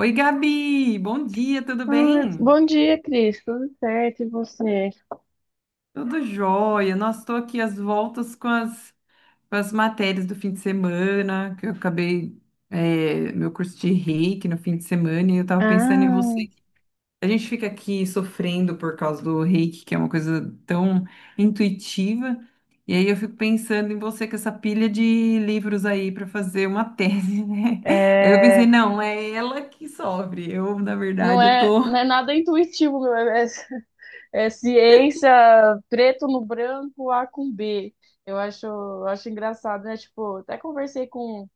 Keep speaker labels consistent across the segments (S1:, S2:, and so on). S1: Oi, Gabi, bom dia, tudo
S2: Ah,
S1: bem?
S2: bom dia, Cris. Tudo certo? E você?
S1: Tudo jóia. Nossa, estou aqui às voltas com as matérias do fim de semana, que eu acabei meu curso de reiki no fim de semana e eu estava pensando em
S2: Ah,
S1: você. A gente fica aqui sofrendo por causa do reiki, que é uma coisa tão intuitiva, e aí eu fico pensando em você com essa pilha de livros aí para fazer uma tese, né? Aí eu pensei,
S2: é,
S1: não, é ela que sofre. Eu, na
S2: não
S1: verdade, eu
S2: é,
S1: tô.
S2: não é nada intuitivo, meu. É, é ciência preto no branco, A com B. Eu acho engraçado, né? Tipo, até conversei com.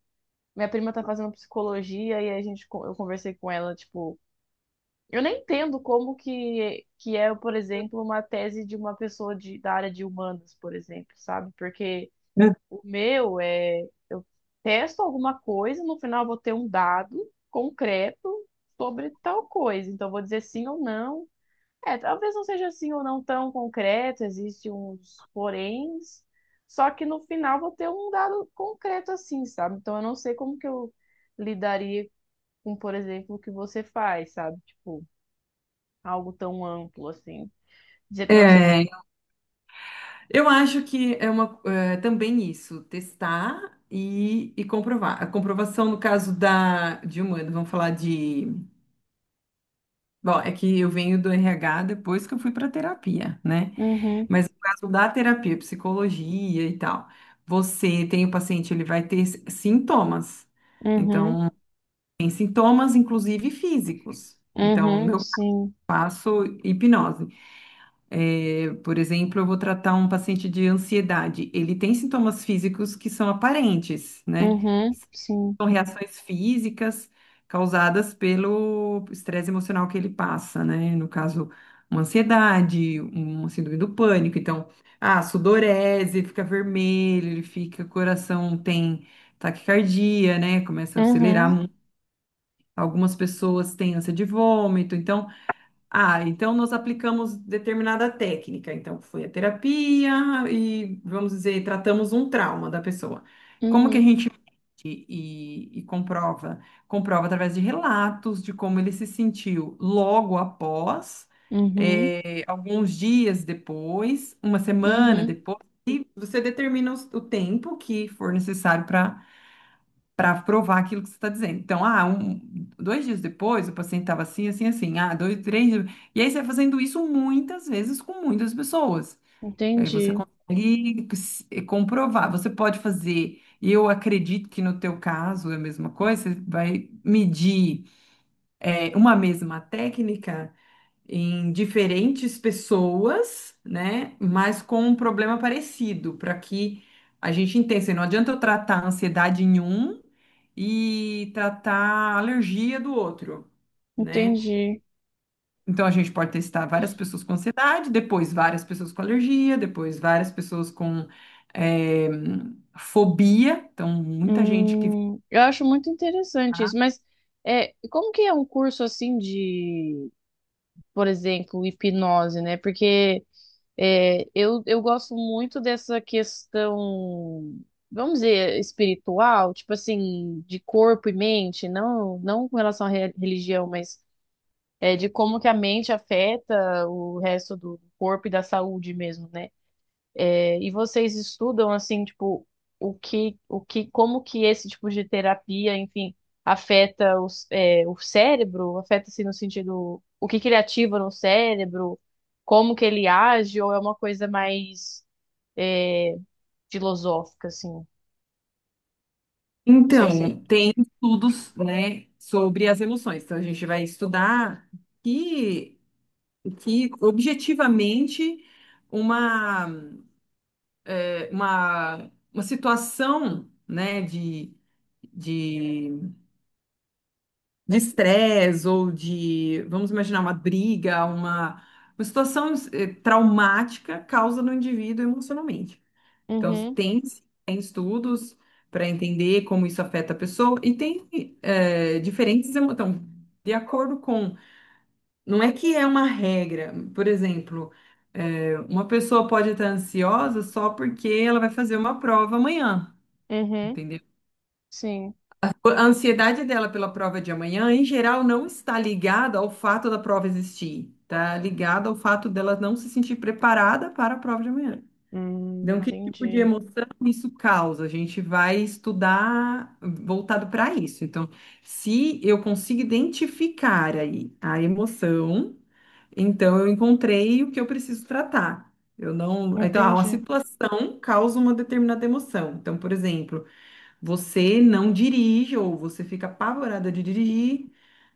S2: Minha prima tá fazendo psicologia e eu conversei com ela, tipo. Eu nem entendo como que é, por exemplo, uma tese de uma pessoa da área de humanas, por exemplo, sabe? Porque. O meu é, eu testo alguma coisa, no final eu vou ter um dado concreto sobre tal coisa. Então, eu vou dizer sim ou não. É, talvez não seja assim ou não tão concreto, existe uns poréns, só que no final vou ter um dado concreto assim, sabe? Então, eu não sei como que eu lidaria com, por exemplo, o que você faz, sabe? Tipo, algo tão amplo assim. Dizer pra você.
S1: É, eu acho que é uma, também isso, testar e comprovar. A comprovação, no caso da, de humano, vamos falar de. Bom, é que eu venho do RH depois que eu fui para terapia, né?
S2: Uhum,
S1: Mas no caso da terapia, psicologia e tal, você tem o paciente, ele vai ter sintomas.
S2: uhum,
S1: Então, tem sintomas, inclusive físicos. Então,
S2: uhum,
S1: meu eu
S2: sim,
S1: faço hipnose. É, por exemplo, eu vou tratar um paciente de ansiedade. Ele tem sintomas físicos que são aparentes, né?
S2: uhum, sim.
S1: São reações físicas causadas pelo estresse emocional que ele passa, né? No caso, uma ansiedade, uma síndrome do pânico. Então, ah, sudorese, fica vermelho, ele fica, coração tem taquicardia, né? Começa a acelerar.
S2: Uhum,
S1: Algumas pessoas têm ânsia de vômito. Então, nós aplicamos determinada técnica. Então, foi a terapia e, vamos dizer, tratamos um trauma da pessoa. Como que a
S2: uhum,
S1: gente mede e comprova? Comprova através de relatos de como ele se sentiu logo após,
S2: uhum,
S1: alguns dias depois, uma semana
S2: uhum.
S1: depois, e você determina o tempo que for necessário para provar aquilo que você está dizendo. Então, um, dois dias depois, o paciente estava assim, assim, assim, dois, três. E aí você vai fazendo isso muitas vezes com muitas pessoas. Aí você
S2: Entendi,
S1: consegue comprovar. Você pode fazer, e eu acredito que no teu caso é a mesma coisa, você vai medir uma mesma técnica em diferentes pessoas, né? Mas com um problema parecido, para que a gente entenda. Assim, não adianta eu tratar a ansiedade em um e tratar a alergia do outro, né?
S2: entendi.
S1: Então a gente pode testar várias pessoas com ansiedade, depois várias pessoas com alergia, depois várias pessoas com eh, fobia. Então, muita gente que.
S2: Eu acho muito interessante isso,
S1: Tá.
S2: mas é, como que é um curso assim de, por exemplo, hipnose, né? Porque é, eu gosto muito dessa questão, vamos dizer, espiritual, tipo assim, de corpo e mente, não, não com relação à religião, mas é, de como que a mente afeta o resto do corpo e da saúde mesmo, né? É, e vocês estudam assim, tipo, o que, como que esse tipo de terapia, enfim, afeta o cérebro? Afeta-se no sentido, o que que ele ativa no cérebro? Como que ele age? Ou é uma coisa mais é, filosófica, assim? Não sei se.
S1: Então, tem estudos, né, sobre as emoções. Então, a gente vai estudar, que que objetivamente uma, uma situação, né, de, de estresse ou de, vamos imaginar, uma briga, uma situação traumática causa no indivíduo emocionalmente. Então,
S2: Uhum,
S1: tem estudos para entender como isso afeta a pessoa e tem diferentes emoções. De acordo com. Não é que é uma regra. Por exemplo, uma pessoa pode estar ansiosa só porque ela vai fazer uma prova amanhã,
S2: uhum,
S1: entendeu?
S2: sim.
S1: A ansiedade dela pela prova de amanhã, em geral, não está ligada ao fato da prova existir. Está ligada ao fato dela não se sentir preparada para a prova de amanhã. Então, que tipo de
S2: Entendi,
S1: emoção isso causa? A gente vai estudar voltado para isso. Então, se eu consigo identificar aí a emoção. Então, eu encontrei o que eu preciso tratar. Eu não. Então, uma
S2: entendi,
S1: situação causa uma determinada emoção. Então, por exemplo, você não dirige ou você fica apavorada de dirigir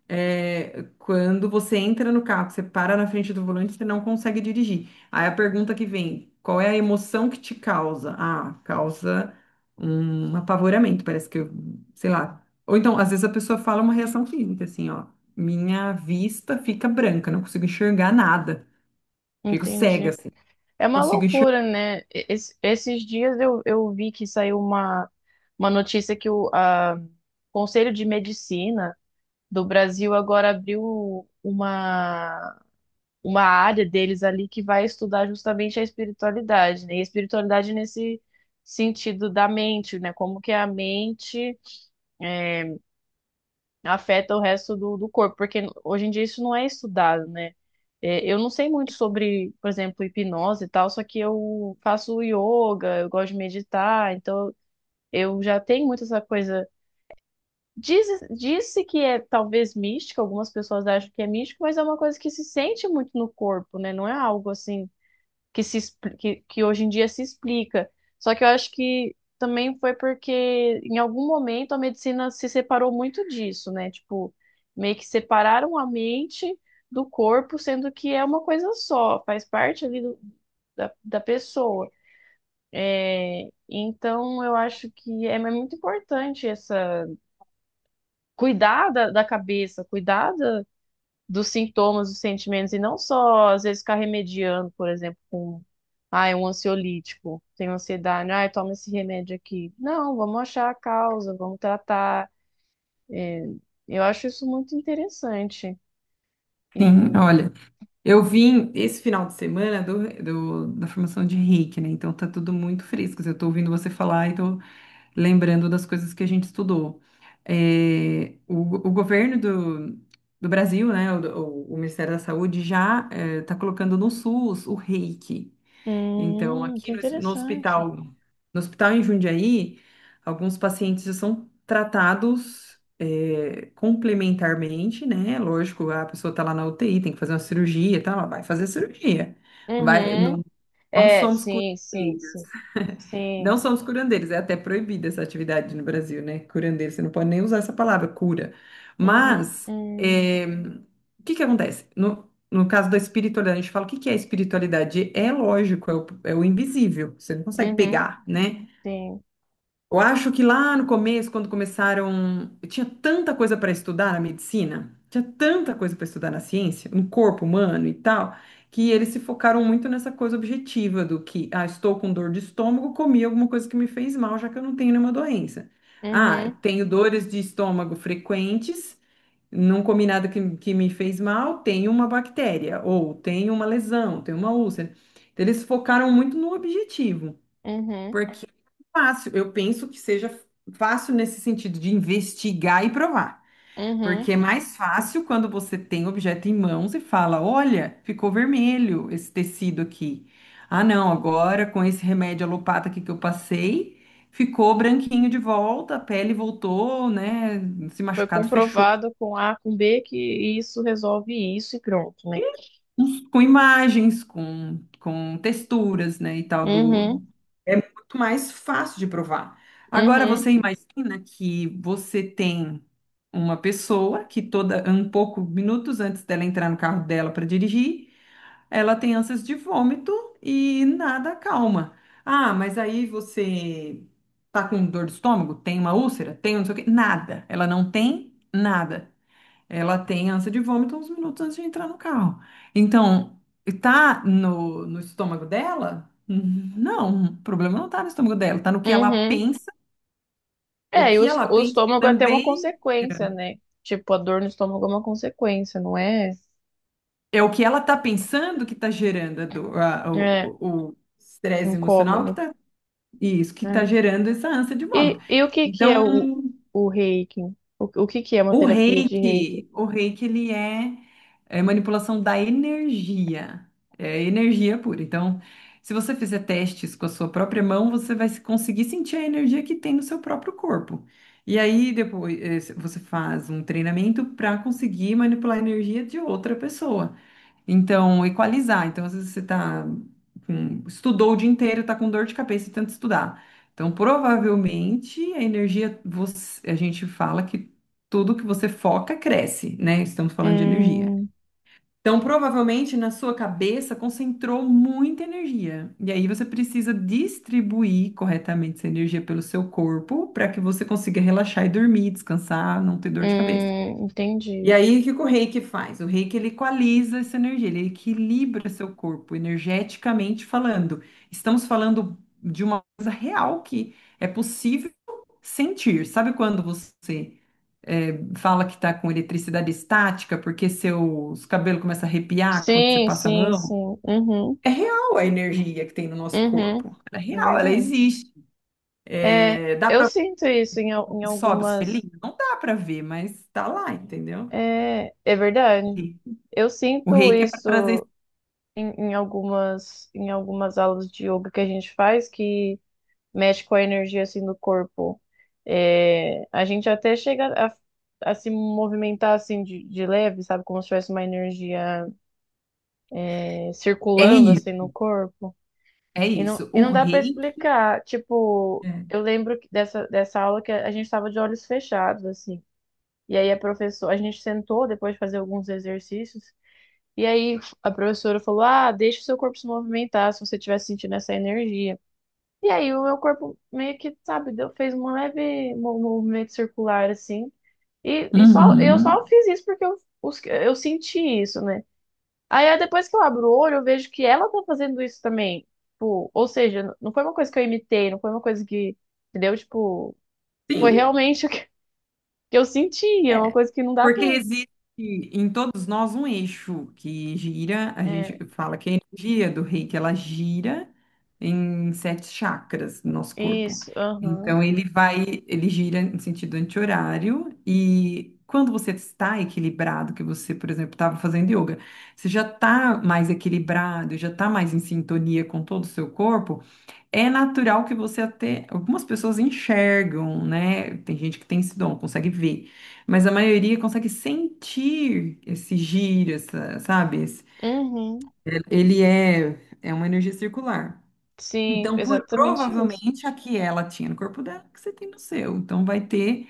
S1: quando você entra no carro, que você para na frente do volante, você não consegue dirigir. Aí a pergunta que vem, qual é a emoção que te causa? Ah, causa um apavoramento, parece que eu, sei lá. Ou então, às vezes a pessoa fala uma reação física, assim, ó, minha vista fica branca, não consigo enxergar nada, fico cega,
S2: entendi.
S1: assim,
S2: É uma
S1: não consigo enxergar.
S2: loucura, né? Esses dias eu vi que saiu uma notícia que o a Conselho de Medicina do Brasil agora abriu uma área deles ali que vai estudar justamente a espiritualidade, né? E a espiritualidade nesse sentido da mente, né? Como que a mente é, afeta o resto do corpo, porque hoje em dia isso não é estudado, né? É, eu não sei muito sobre, por exemplo, hipnose e tal, só que eu faço yoga, eu gosto de meditar, então eu já tenho muito essa coisa. Disse que é talvez mística, algumas pessoas acham que é místico, mas é uma coisa que se sente muito no corpo, né? Não é algo assim que se expli- que hoje em dia se explica. Só que eu acho que também foi porque em algum momento a medicina se separou muito disso, né? Tipo, meio que separaram a mente do corpo, sendo que é uma coisa só, faz parte ali da pessoa. É, então, eu acho que é muito importante essa cuidar da cabeça, cuidar dos sintomas, dos sentimentos, e não só, às vezes, ficar remediando, por exemplo, com, ah, é um ansiolítico, tem ansiedade, ah, toma esse remédio aqui. Não, vamos achar a causa, vamos tratar. É, eu acho isso muito interessante.
S1: Sim,
S2: E,
S1: olha, eu vim esse final de semana do, da formação de reiki, né? Então tá tudo muito fresco. Assim, eu tô ouvindo você falar e tô lembrando das coisas que a gente estudou. É, o governo do Brasil, né, Ministério da Saúde já está colocando no SUS o reiki. Então,
S2: que
S1: aqui no, no
S2: interessante.
S1: hospital, no hospital em Jundiaí, alguns pacientes já são tratados complementarmente, né? Lógico, a pessoa está lá na UTI, tem que fazer uma cirurgia, tá, ela vai fazer cirurgia. Vai,
S2: Uhum.
S1: não, não
S2: É,
S1: somos
S2: sim, sim,
S1: curadeiros.
S2: sim. Sim.
S1: Não são os curandeiros, é até proibida essa atividade no Brasil, né? Curandeiro, você não pode nem usar essa palavra, cura.
S2: Uhum.
S1: Mas,
S2: Uhum.
S1: o que que acontece? No caso da espiritualidade, a gente fala o que que é espiritualidade? É lógico, é o invisível, você não consegue
S2: Uhum.
S1: pegar, né?
S2: Sim.
S1: Eu acho que lá no começo, quando começaram, eu tinha tanta coisa para estudar na medicina, tinha tanta coisa para estudar na ciência, no corpo humano e tal, que eles se focaram muito nessa coisa objetiva do que, estou com dor de estômago, comi alguma coisa que me fez mal, já que eu não tenho nenhuma doença. Ah, eu
S2: Uhum.
S1: tenho dores de estômago frequentes, não comi nada que me fez mal, tenho uma bactéria, ou tenho uma lesão, tenho uma úlcera. Então, eles focaram muito no objetivo.
S2: Uhum.
S1: Porque é fácil, eu penso que seja fácil nesse sentido de investigar e provar. Porque
S2: Uhum.
S1: é mais fácil quando você tem o objeto em mãos e fala: olha, ficou vermelho esse tecido aqui. Ah, não, agora com esse remédio alopata aqui que eu passei, ficou branquinho de volta, a pele voltou, né? Esse
S2: Foi
S1: machucado fechou.
S2: comprovado com A, com B, que isso resolve isso e pronto, né?
S1: Com imagens, com texturas, né? E tal do.
S2: Uhum,
S1: É muito mais fácil de provar. Agora
S2: uhum,
S1: você imagina que você tem uma pessoa que toda um pouco minutos antes dela entrar no carro dela para dirigir, ela tem ânsias de vômito e nada calma. Ah, mas aí você tá com dor de estômago? Tem uma úlcera? Tem um não sei o quê? Nada. Ela não tem nada. Ela tem ânsia de vômito uns minutos antes de entrar no carro. Então, tá no estômago dela? Não, o problema não tá no estômago dela, tá no que ela
S2: uhum.
S1: pensa. O
S2: É, e o,
S1: que
S2: est-
S1: ela
S2: o
S1: pensa
S2: estômago é até uma
S1: também
S2: consequência, né? Tipo, a dor no estômago é uma consequência, não é?
S1: é o que ela tá pensando que tá gerando a dor- a-
S2: É,
S1: o estresse emocional que
S2: incômodo,
S1: tá, isso, que tá
S2: né?
S1: gerando essa ânsia de vômito.
S2: E o que que é o,
S1: Então,
S2: o reiki? O que que é uma
S1: O
S2: terapia de reiki?
S1: reiki, o reiki, ele é manipulação da energia, é energia pura. Então, se você fizer testes com a sua própria mão, você vai conseguir sentir a energia que tem no seu próprio corpo. E aí, depois, você faz um treinamento para conseguir manipular a energia de outra pessoa. Então, equalizar. Então, às vezes você tá estudou o dia inteiro, tá com dor de cabeça e tenta estudar. Então, provavelmente a energia, a gente fala que tudo que você foca cresce, né? Estamos falando de energia.
S2: Hum,
S1: Então, provavelmente na sua cabeça concentrou muita energia. E aí você precisa distribuir corretamente essa energia pelo seu corpo para que você consiga relaxar e dormir, descansar, não ter dor de cabeça. E
S2: entendi.
S1: aí, o que que o reiki faz? O reiki ele equaliza essa energia, ele equilibra seu corpo energeticamente falando. Estamos falando de uma coisa real que é possível sentir. Sabe quando você fala que está com eletricidade estática porque seus cabelos começam a arrepiar quando você
S2: Sim,
S1: passa a
S2: sim,
S1: mão?
S2: sim. Uhum,
S1: É real a energia que tem no nosso
S2: uhum.
S1: corpo. Ela é
S2: É
S1: real, ela
S2: verdade.
S1: existe.
S2: É,
S1: Dá
S2: eu
S1: para ver
S2: sinto isso em, al-
S1: o
S2: em
S1: que sobe, o
S2: algumas.
S1: selinho? Não dá para ver, mas está lá, entendeu?
S2: É, é verdade.
S1: E
S2: Eu
S1: o
S2: sinto
S1: reiki é para trazer.
S2: isso em algumas aulas de yoga que a gente faz que mexe com a energia assim do corpo. É, a gente até chega a se movimentar assim de leve, sabe, como se tivesse uma energia é,
S1: É
S2: circulando assim no
S1: isso,
S2: corpo.
S1: é isso.
S2: E
S1: O
S2: não dá para
S1: reiki.
S2: explicar. Tipo,
S1: É.
S2: eu lembro que dessa aula que a gente estava de olhos fechados assim. E aí a professora, a gente sentou depois de fazer alguns exercícios. E aí a professora falou: Ah, deixa o seu corpo se movimentar se você estiver sentindo essa energia. E aí o meu corpo meio que, sabe, fez um leve movimento circular assim. E só eu
S1: Uhum.
S2: só fiz isso porque eu senti isso, né? Aí, depois que eu abro o olho, eu vejo que ela tá fazendo isso também. Tipo, ou seja, não foi uma coisa que eu imitei, não foi uma coisa que, entendeu? Tipo, foi
S1: Sim,
S2: realmente o que que eu senti, é uma
S1: é,
S2: coisa que não dá pra.
S1: porque existe em todos nós um eixo que gira, a gente
S2: É,
S1: fala que a energia do reiki, ela gira em sete chakras do nosso corpo.
S2: isso, aham.
S1: Então, ele vai, ele gira em sentido anti-horário e quando você está equilibrado, que você, por exemplo, estava fazendo yoga, você já está mais equilibrado, já está mais em sintonia com todo o seu corpo, é natural que você até. Algumas pessoas enxergam, né? Tem gente que tem esse dom, consegue ver. Mas a maioria consegue sentir esse giro, essa, sabe?
S2: Uhum.
S1: Ele é uma energia circular.
S2: Sim,
S1: Então,
S2: exatamente isso.
S1: provavelmente a que ela tinha no corpo dela, que você tem no seu. Então, vai ter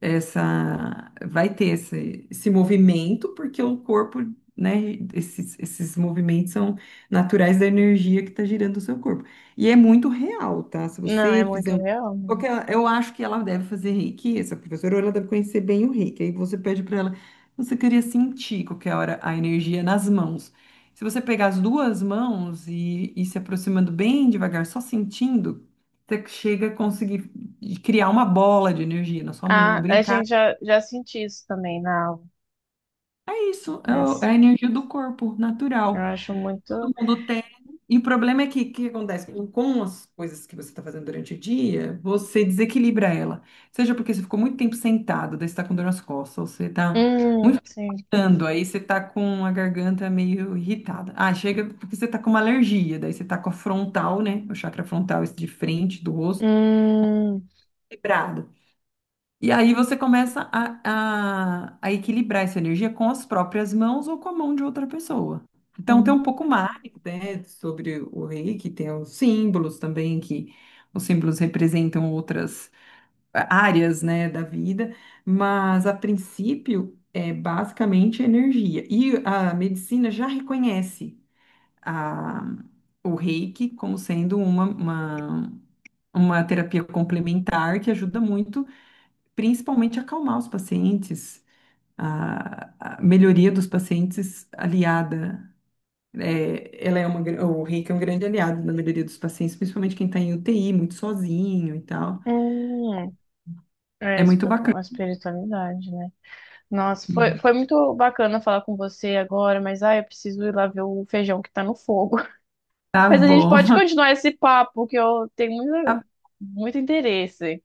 S1: essa vai ter esse, esse movimento, porque o corpo, né, esses movimentos são naturais da energia que está girando o seu corpo. E é muito real, tá? Se
S2: Não,
S1: você
S2: é muito
S1: fizer
S2: real, né?
S1: porque eu acho que ela deve fazer reiki, essa professora, ou ela deve conhecer bem o reiki. Aí você pede para ela, você queria sentir qualquer hora a energia nas mãos. Se você pegar as duas mãos e ir se aproximando bem devagar, só sentindo, você chega a conseguir de criar uma bola de energia na sua mão,
S2: Ah, a
S1: brincar.
S2: gente já senti isso também na aula,
S1: É isso,
S2: né?
S1: é a energia do corpo,
S2: Eu
S1: natural.
S2: acho
S1: Todo
S2: muito.
S1: mundo tem. E o problema é que o que acontece? Com as coisas que você está fazendo durante o dia, você desequilibra ela. Seja porque você ficou muito tempo sentado, daí você está com dor nas costas, ou você está muito
S2: Sim.
S1: gritando, aí você está com a garganta meio irritada. Ah, chega porque você está com uma alergia, daí você está com a frontal, né? O chakra frontal esse de frente do rosto,
S2: Hum,
S1: quebrado. E aí você começa a equilibrar essa energia com as próprias mãos ou com a mão de outra pessoa. Então tem
S2: hum,
S1: um pouco mais, né, sobre o reiki, tem os símbolos também, que os símbolos representam outras áreas, né, da vida, mas a princípio é basicamente energia. E a medicina já reconhece a, o reiki como sendo uma terapia complementar que ajuda muito principalmente acalmar os pacientes, a melhoria dos pacientes aliada. É, ela é o reiki é um grande aliado na melhoria dos pacientes, principalmente quem está em UTI, muito sozinho e tal.
S2: hum. É
S1: É muito
S2: espi-
S1: bacana.
S2: uma espiritualidade, né? Nossa, foi,
S1: Uhum.
S2: foi muito bacana falar com você agora, mas ai, eu preciso ir lá ver o feijão que tá no fogo.
S1: Tá
S2: Mas a gente pode
S1: bom.
S2: continuar esse papo, que eu tenho muito, muito interesse.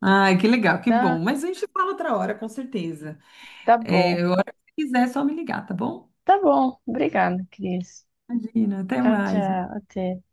S1: Ai, que legal, que bom.
S2: Tá,
S1: Mas a gente fala outra hora, com certeza.
S2: tá
S1: É,
S2: bom.
S1: a hora que você quiser, é só me ligar, tá bom?
S2: Tá bom. Obrigada, Cris.
S1: Imagina, até
S2: Tchau,
S1: mais.
S2: tchau. Até.